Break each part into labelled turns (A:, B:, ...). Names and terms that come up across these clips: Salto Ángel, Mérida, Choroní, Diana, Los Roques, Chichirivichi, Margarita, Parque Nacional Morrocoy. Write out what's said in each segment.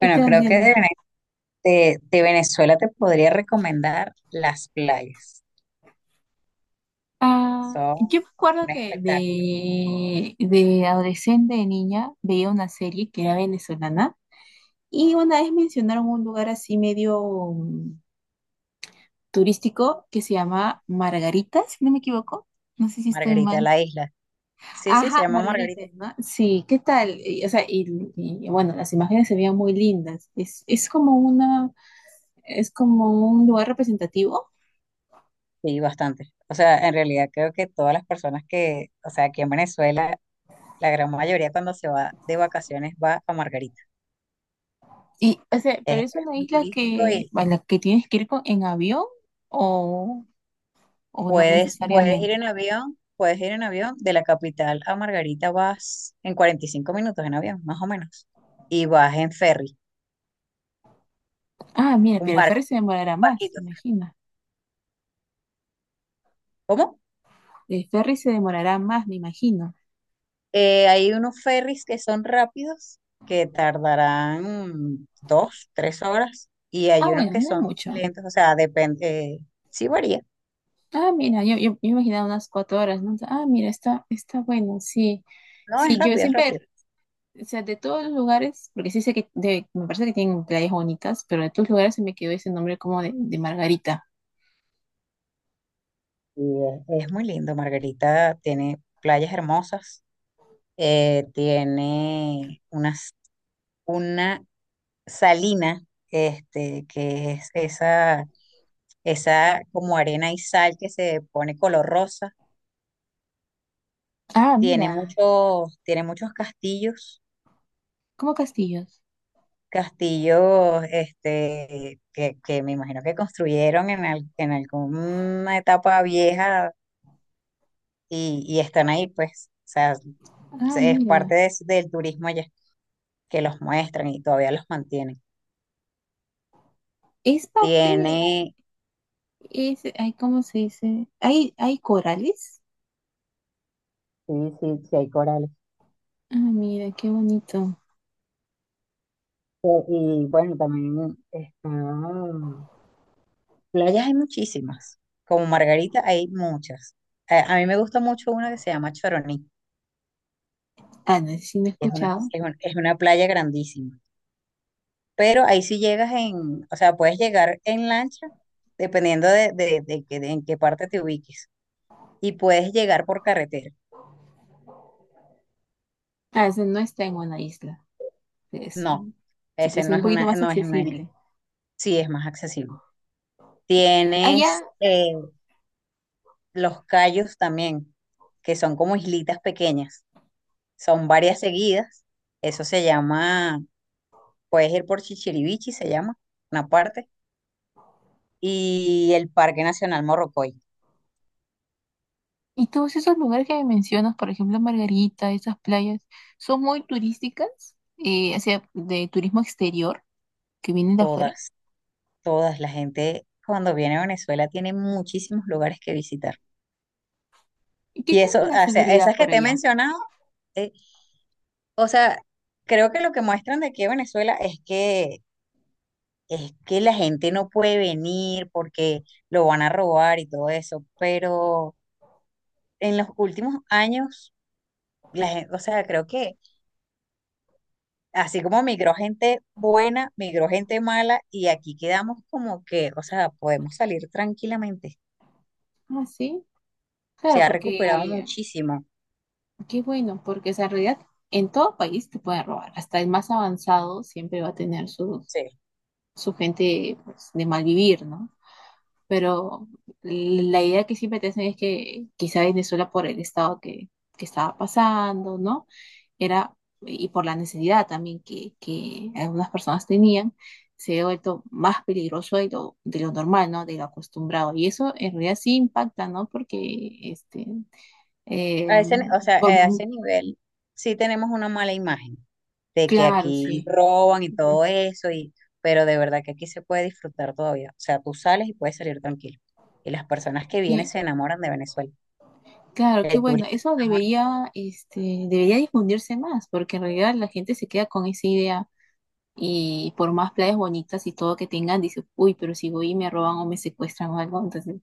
A: Y te
B: Bueno, creo que
A: entiendo.
B: de Venezuela te podría recomendar las playas.
A: Ah,
B: Son
A: yo me acuerdo
B: un
A: que
B: espectáculo.
A: de adolescente, de niña, veía una serie que era venezolana y una vez mencionaron un lugar así medio mm, turístico que se llama Margarita, si no me equivoco. No sé si estoy
B: Margarita
A: mal.
B: la Isla. Sí, sí, se
A: Ajá,
B: llama
A: Margarita,
B: Margarita.
A: ¿no? Sí, ¿qué tal? Bueno, las imágenes se veían muy lindas. Es como una, es como un lugar representativo.
B: Sí, bastante. O sea, en realidad creo que todas las personas que, o sea, aquí en Venezuela, la gran mayoría cuando se va de vacaciones va a Margarita. Es,
A: Pero
B: es
A: es una
B: muy
A: isla
B: turístico y
A: a la que tienes que ir en avión, o, o no
B: puedes ir
A: necesariamente.
B: en avión, puedes ir en avión. De la capital a Margarita vas en 45 minutos en avión, más o menos. Y vas en ferry,
A: Ah, mira,
B: un
A: pero el
B: barco,
A: ferry se demorará
B: un
A: más,
B: barquito.
A: me imagino.
B: ¿Cómo?
A: El ferry se demorará más, me imagino.
B: Hay unos ferries que son rápidos, que tardarán 2, 3 horas, y
A: Ah,
B: hay unos
A: bueno,
B: que
A: no es
B: son
A: mucho.
B: lentos, o sea, depende, eh, sí varía.
A: Ah, mira, yo imaginaba unas 4 horas, ¿no? Ah, mira, está bueno, sí.
B: No,
A: Sí,
B: es
A: yo
B: rápido, es
A: siempre,
B: rápido.
A: o sea, de todos los lugares, porque sí sé que me parece que tienen playas bonitas, pero de todos los lugares se me quedó ese nombre como de Margarita.
B: Y es muy lindo. Margarita tiene playas hermosas. Tiene una salina, que es esa como arena y sal que se pone color rosa.
A: Ah,
B: tiene
A: mira,
B: muchos, tiene muchos castillos,
A: como castillos.
B: que me imagino que construyeron en alguna etapa vieja, y están ahí, pues, o sea,
A: Ah,
B: es parte
A: mira.
B: del turismo allá, que los muestran y todavía los mantienen.
A: Es parte,
B: Tiene,
A: es, ay, ¿cómo se dice? Hay corales.
B: sí, sí, sí hay corales.
A: Ah, mira, qué bonito.
B: Y bueno, también playas hay muchísimas, como Margarita hay muchas. A mí me gusta mucho una que se llama Choroní.
A: Ah, no sé, si no he
B: es una,
A: escuchado.
B: es un- es una playa grandísima, pero ahí sí llegas o sea, puedes llegar en lancha, dependiendo de en qué parte te ubiques, y puedes llegar por carretera.
A: Ah, ese no está en una isla. Es,
B: No,
A: se
B: ese
A: parece un poquito más
B: no es una isla.
A: accesible.
B: Sí es más accesible.
A: Allá,
B: Tienes los cayos también, que son como islitas pequeñas, son varias seguidas. Eso se llama, puedes ir por Chichirivichi, se llama, una parte, y el Parque Nacional Morrocoy.
A: y todos esos lugares que me mencionas, por ejemplo, Margarita, esas playas, son muy turísticas, o sea, de turismo exterior, que vienen de afuera.
B: Todas. Todas. La gente cuando viene a Venezuela tiene muchísimos lugares que visitar.
A: ¿Y qué
B: Y
A: tal
B: eso,
A: es la
B: o sea,
A: seguridad
B: esas que
A: por
B: te he
A: allá?
B: mencionado, eh, o sea, creo que lo que muestran de aquí a Venezuela es que la gente no puede venir porque lo van a robar y todo eso. Pero en los últimos años, la gente, o sea, creo que así como migró gente buena, migró gente mala, y aquí quedamos como que, o sea, podemos salir tranquilamente.
A: Ah, sí.
B: Se
A: Claro,
B: ha recuperado
A: porque
B: muchísimo.
A: qué bueno, porque esa realidad, en todo país te pueden robar. Hasta el más avanzado siempre va a tener su,
B: Sí.
A: su gente pues, de mal vivir, ¿no? Pero la idea que siempre te hacen es que quizá Venezuela por el estado que estaba pasando, ¿no? Era, y por la necesidad también que algunas personas tenían, se ha vuelto más peligroso de de lo normal, ¿no? De lo acostumbrado. Y eso en realidad sí impacta, ¿no? Porque, este, eh,
B: A ese, ni- O sea, a
A: por,
B: ese nivel sí tenemos una mala imagen de que
A: claro,
B: aquí
A: sí.
B: roban y
A: Ujú.
B: todo eso, y pero de verdad que aquí se puede disfrutar todavía. O sea, tú sales y puedes salir tranquilo. Y las personas que vienen
A: Que-
B: se enamoran de Venezuela.
A: claro, qué
B: El
A: bueno.
B: turista se
A: Eso
B: enamora.
A: debería, este, debería difundirse más, porque en realidad la gente se queda con esa idea y por más playas bonitas y todo que tengan, dice, uy, pero si voy y me roban o me secuestran o algo, entonces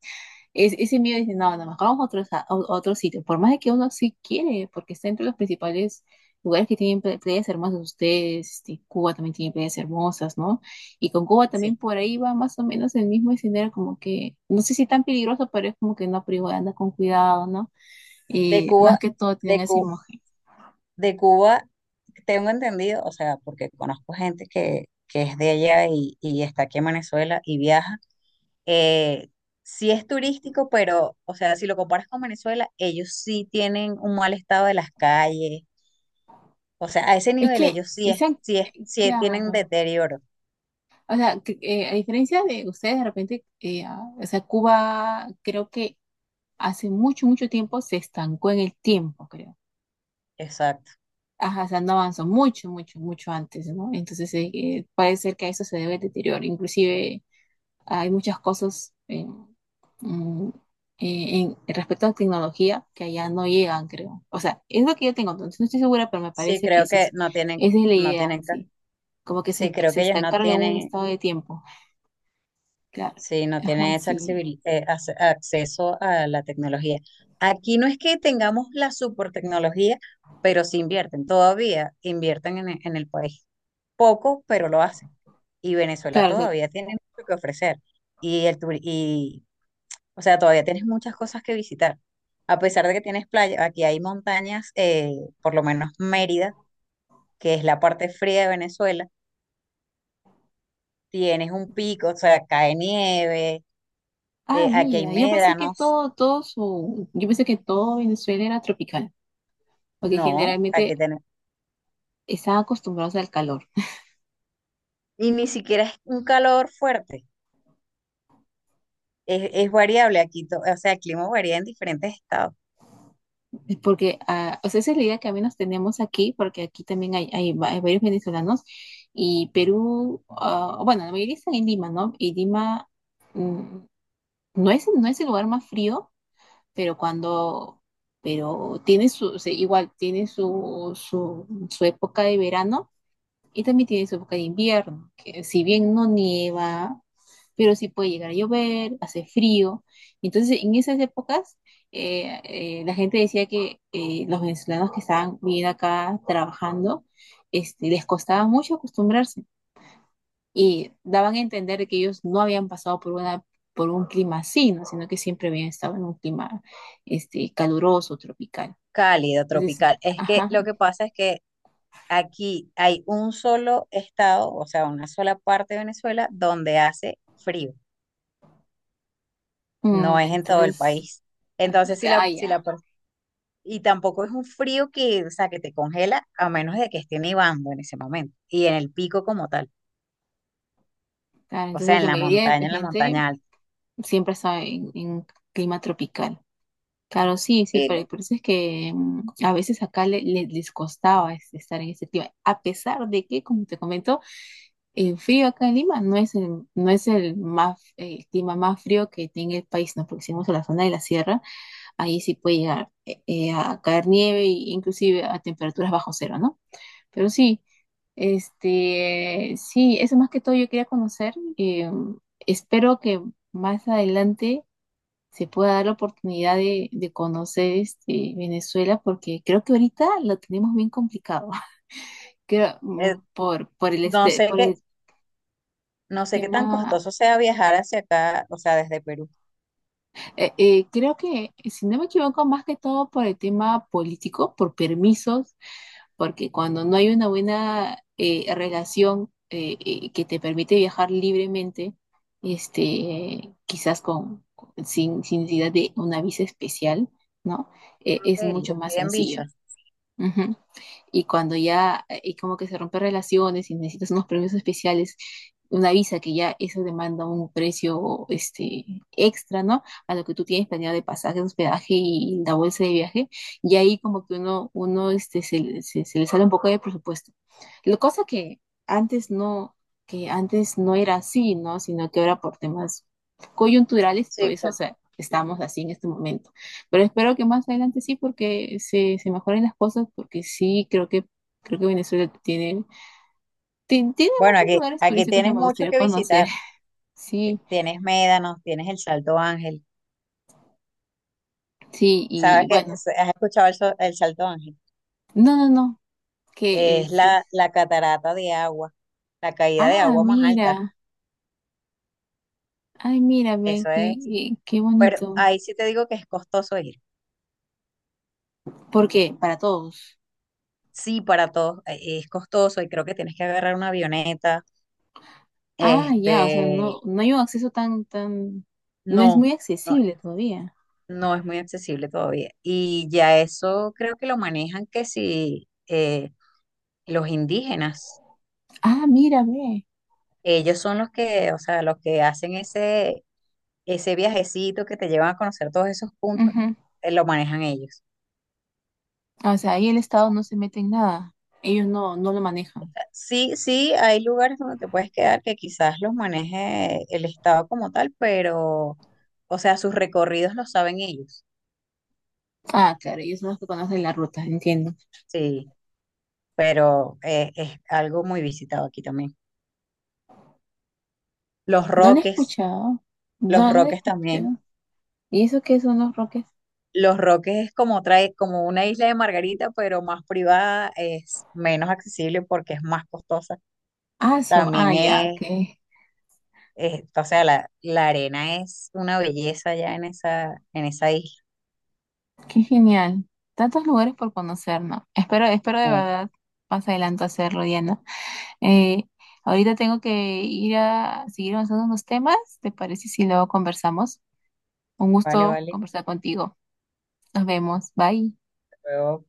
A: es, ese miedo dice, no, no, mejor vamos a otro, a otro sitio. Por más de que uno sí quiere, porque está entre los principales lugares que tienen playas hermosas ustedes. Este, Cuba también tiene playas hermosas, ¿no? Y con Cuba
B: Sí.
A: también por ahí va más o menos el mismo escenario, como que, no sé si tan peligroso, pero es como que no, pero igual anda con cuidado, ¿no?
B: De
A: Y
B: Cuba,
A: más que todo tienen
B: de
A: ese
B: Cu-
A: imagen.
B: de Cuba, tengo entendido, o sea, porque conozco gente que es de allá, y está aquí en Venezuela y viaja. Eh, sí es turístico, pero, o sea, si lo comparas con Venezuela, ellos sí tienen un mal estado de las calles. O sea, a ese
A: Es
B: nivel
A: que,
B: ellos sí es,
A: sean,
B: sí es, sí tienen
A: claro.
B: deterioro.
A: O sea, a diferencia de ustedes, de repente, ah, o sea, Cuba creo que hace mucho, mucho tiempo se estancó en el tiempo, creo.
B: Exacto.
A: Ajá, o sea, no avanzó mucho, mucho, mucho antes, ¿no? Entonces puede ser que a eso se debe el deterioro. Inclusive hay muchas cosas en, mm, en- respecto a tecnología que allá no llegan, creo. O sea, es lo que yo tengo, entonces no estoy segura, pero me
B: Sí,
A: parece que esa es la idea, sí. Como que que
B: creo
A: se
B: que ellos no
A: estancaron en un
B: tienen,
A: estado de tiempo. Claro.
B: Sí, no
A: Ajá,
B: tiene ese
A: sí.
B: acceso a la tecnología. Aquí no es que tengamos la super tecnología, pero sí invierten, todavía invierten en el país. Poco, pero lo hacen. Y Venezuela
A: Claro, o sea,
B: todavía tiene mucho que ofrecer. Y, o sea, todavía tienes muchas cosas que visitar. A pesar de que tienes playa, aquí hay montañas, por lo menos Mérida, que es la parte fría de Venezuela. Tienes un pico, o sea, cae nieve.
A: ah,
B: Aquí hay
A: mira, yo pensé que
B: médanos.
A: todo, todo su, yo pensé que todo Venezuela era tropical, porque
B: No, hay
A: generalmente
B: que tener.
A: están acostumbrados al calor.
B: Y ni siquiera es un calor fuerte. Es variable aquí, o sea, el clima varía en diferentes estados.
A: Porque, ah, o sea, esa es la idea que al menos tenemos aquí, porque aquí también hay, hay varios venezolanos y Perú, ah, bueno, la mayoría están en Lima, ¿no? Y Lima mm, no es, no es el lugar más frío, pero cuando, pero tiene su, o sea, igual tiene su época de verano y también tiene su época de invierno, que si bien no nieva, pero sí puede llegar a llover, hace frío. Entonces, en esas épocas, la gente decía que los venezolanos que estaban viviendo acá trabajando, este, les costaba mucho acostumbrarse y daban a entender que ellos no habían pasado por una, por un clima así, ¿no? Sino que siempre habían estado en un clima este, caluroso, tropical.
B: Cálido,
A: Entonces,
B: tropical. Es que
A: ajá,
B: lo que pasa es que aquí hay un solo estado, o sea, una sola parte de Venezuela donde hace frío. No es en todo el
A: entonces,
B: país. Entonces,
A: ah, ya,
B: y tampoco es un frío que, o sea, que te congela, a menos de que esté nevando en ese momento y en el pico como tal,
A: claro,
B: o sea,
A: entonces la mayoría de
B: en la
A: gente
B: montaña alta.
A: siempre está en clima tropical. Claro, sí, sí,
B: Y,
A: pero por eso es que a veces acá les costaba estar en ese clima, a pesar de que, como te comento, el frío acá en Lima no es el, no es el más, el clima más frío que tiene el país, ¿no? Porque si vamos a la zona de la sierra, ahí sí puede llegar a caer nieve e inclusive a temperaturas bajo cero, ¿no? Pero sí, este, sí, eso más que todo yo quería conocer. Eh, espero que más adelante se pueda dar la oportunidad de conocer este, Venezuela, porque creo que ahorita lo tenemos bien complicado. Creo,
B: eh,
A: por el,
B: no
A: este,
B: sé
A: por
B: qué,
A: el
B: no sé qué tan
A: tema.
B: costoso sea viajar hacia acá, o sea, desde Perú.
A: Creo que, si no me equivoco, más que todo por el tema político, por permisos, porque cuando no hay una buena relación que te permite viajar libremente, este, quizás con, sin, sin necesidad de una visa especial, ¿no?
B: Ok,
A: Es
B: yo
A: mucho más
B: estoy en visa.
A: sencillo. Ujú. Y cuando ya, y como que se rompen relaciones y necesitas unos premios especiales, una visa que ya eso demanda un precio este, extra, ¿no? A lo que tú tienes planeado de pasaje, hospedaje y la bolsa de viaje. Y ahí como que uno este, se le sale un poco de presupuesto. La cosa antes no, que antes no era así, ¿no? Sino que ahora por temas coyunturales, todo
B: Sí,
A: eso, o
B: claro.
A: sea, estamos así en este momento. Pero espero que más adelante sí, porque se mejoren las cosas, porque sí, creo que Venezuela tiene, tiene
B: Bueno,
A: muchos
B: aquí,
A: lugares
B: aquí
A: turísticos que
B: tienes
A: me
B: mucho
A: gustaría
B: que
A: conocer.
B: visitar.
A: Sí,
B: Tienes Médanos, tienes el Salto Ángel.
A: sí,
B: ¿Sabes
A: y
B: que
A: bueno.
B: has escuchado el Salto Ángel?
A: No, no, no, que
B: Es la,
A: es-
B: la catarata de agua, la caída de
A: ah,
B: agua más
A: mira,
B: alta.
A: ay, mira, ve,
B: Eso
A: qué,
B: es.
A: qué
B: Pero
A: bonito.
B: ahí sí te digo que es costoso ir.
A: ¿Por qué? Para todos.
B: Sí, para todos es costoso, y creo que tienes que agarrar una avioneta.
A: Ah,
B: Este,
A: ya, o sea, no, no hay un acceso tan, no es muy
B: no, no,
A: accesible todavía.
B: no es muy accesible todavía. Y ya eso creo que lo manejan, que si los indígenas,
A: Ah, mira, ve.
B: ellos son los que, o sea, los que hacen ese, ese viajecito que te llevan a conocer todos esos puntos.
A: Ujú.
B: Lo manejan ellos.
A: O sea, ahí el Estado no se mete en nada. Ellos no, no lo manejan.
B: Sí, sí, hay lugares donde te puedes quedar que quizás los maneje el Estado como tal, pero, o sea, sus recorridos los saben ellos.
A: Ah, claro, ellos son los que conocen la ruta, entiendo.
B: Sí, pero es algo muy visitado aquí también. Los
A: No la he
B: Roques,
A: escuchado.
B: los
A: No, no la he
B: Roques también.
A: escuchado. ¿Y eso qué son los Roques?
B: Los Roques es como trae, como una isla de Margarita, pero más privada. Es menos accesible porque es más costosa.
A: Ah, eso.
B: También
A: Ah, ya, qué,
B: o sea, la arena es una belleza ya en esa isla.
A: qué genial. Tantos lugares por conocer, ¿no? Espero, espero de
B: Mucho.
A: verdad más adelante hacerlo, Diana. Eh, ahorita tengo que ir a seguir avanzando unos temas. ¿Te parece si luego conversamos? Un
B: Vale,
A: gusto
B: vale.
A: conversar contigo. Nos vemos. Bye.
B: Luego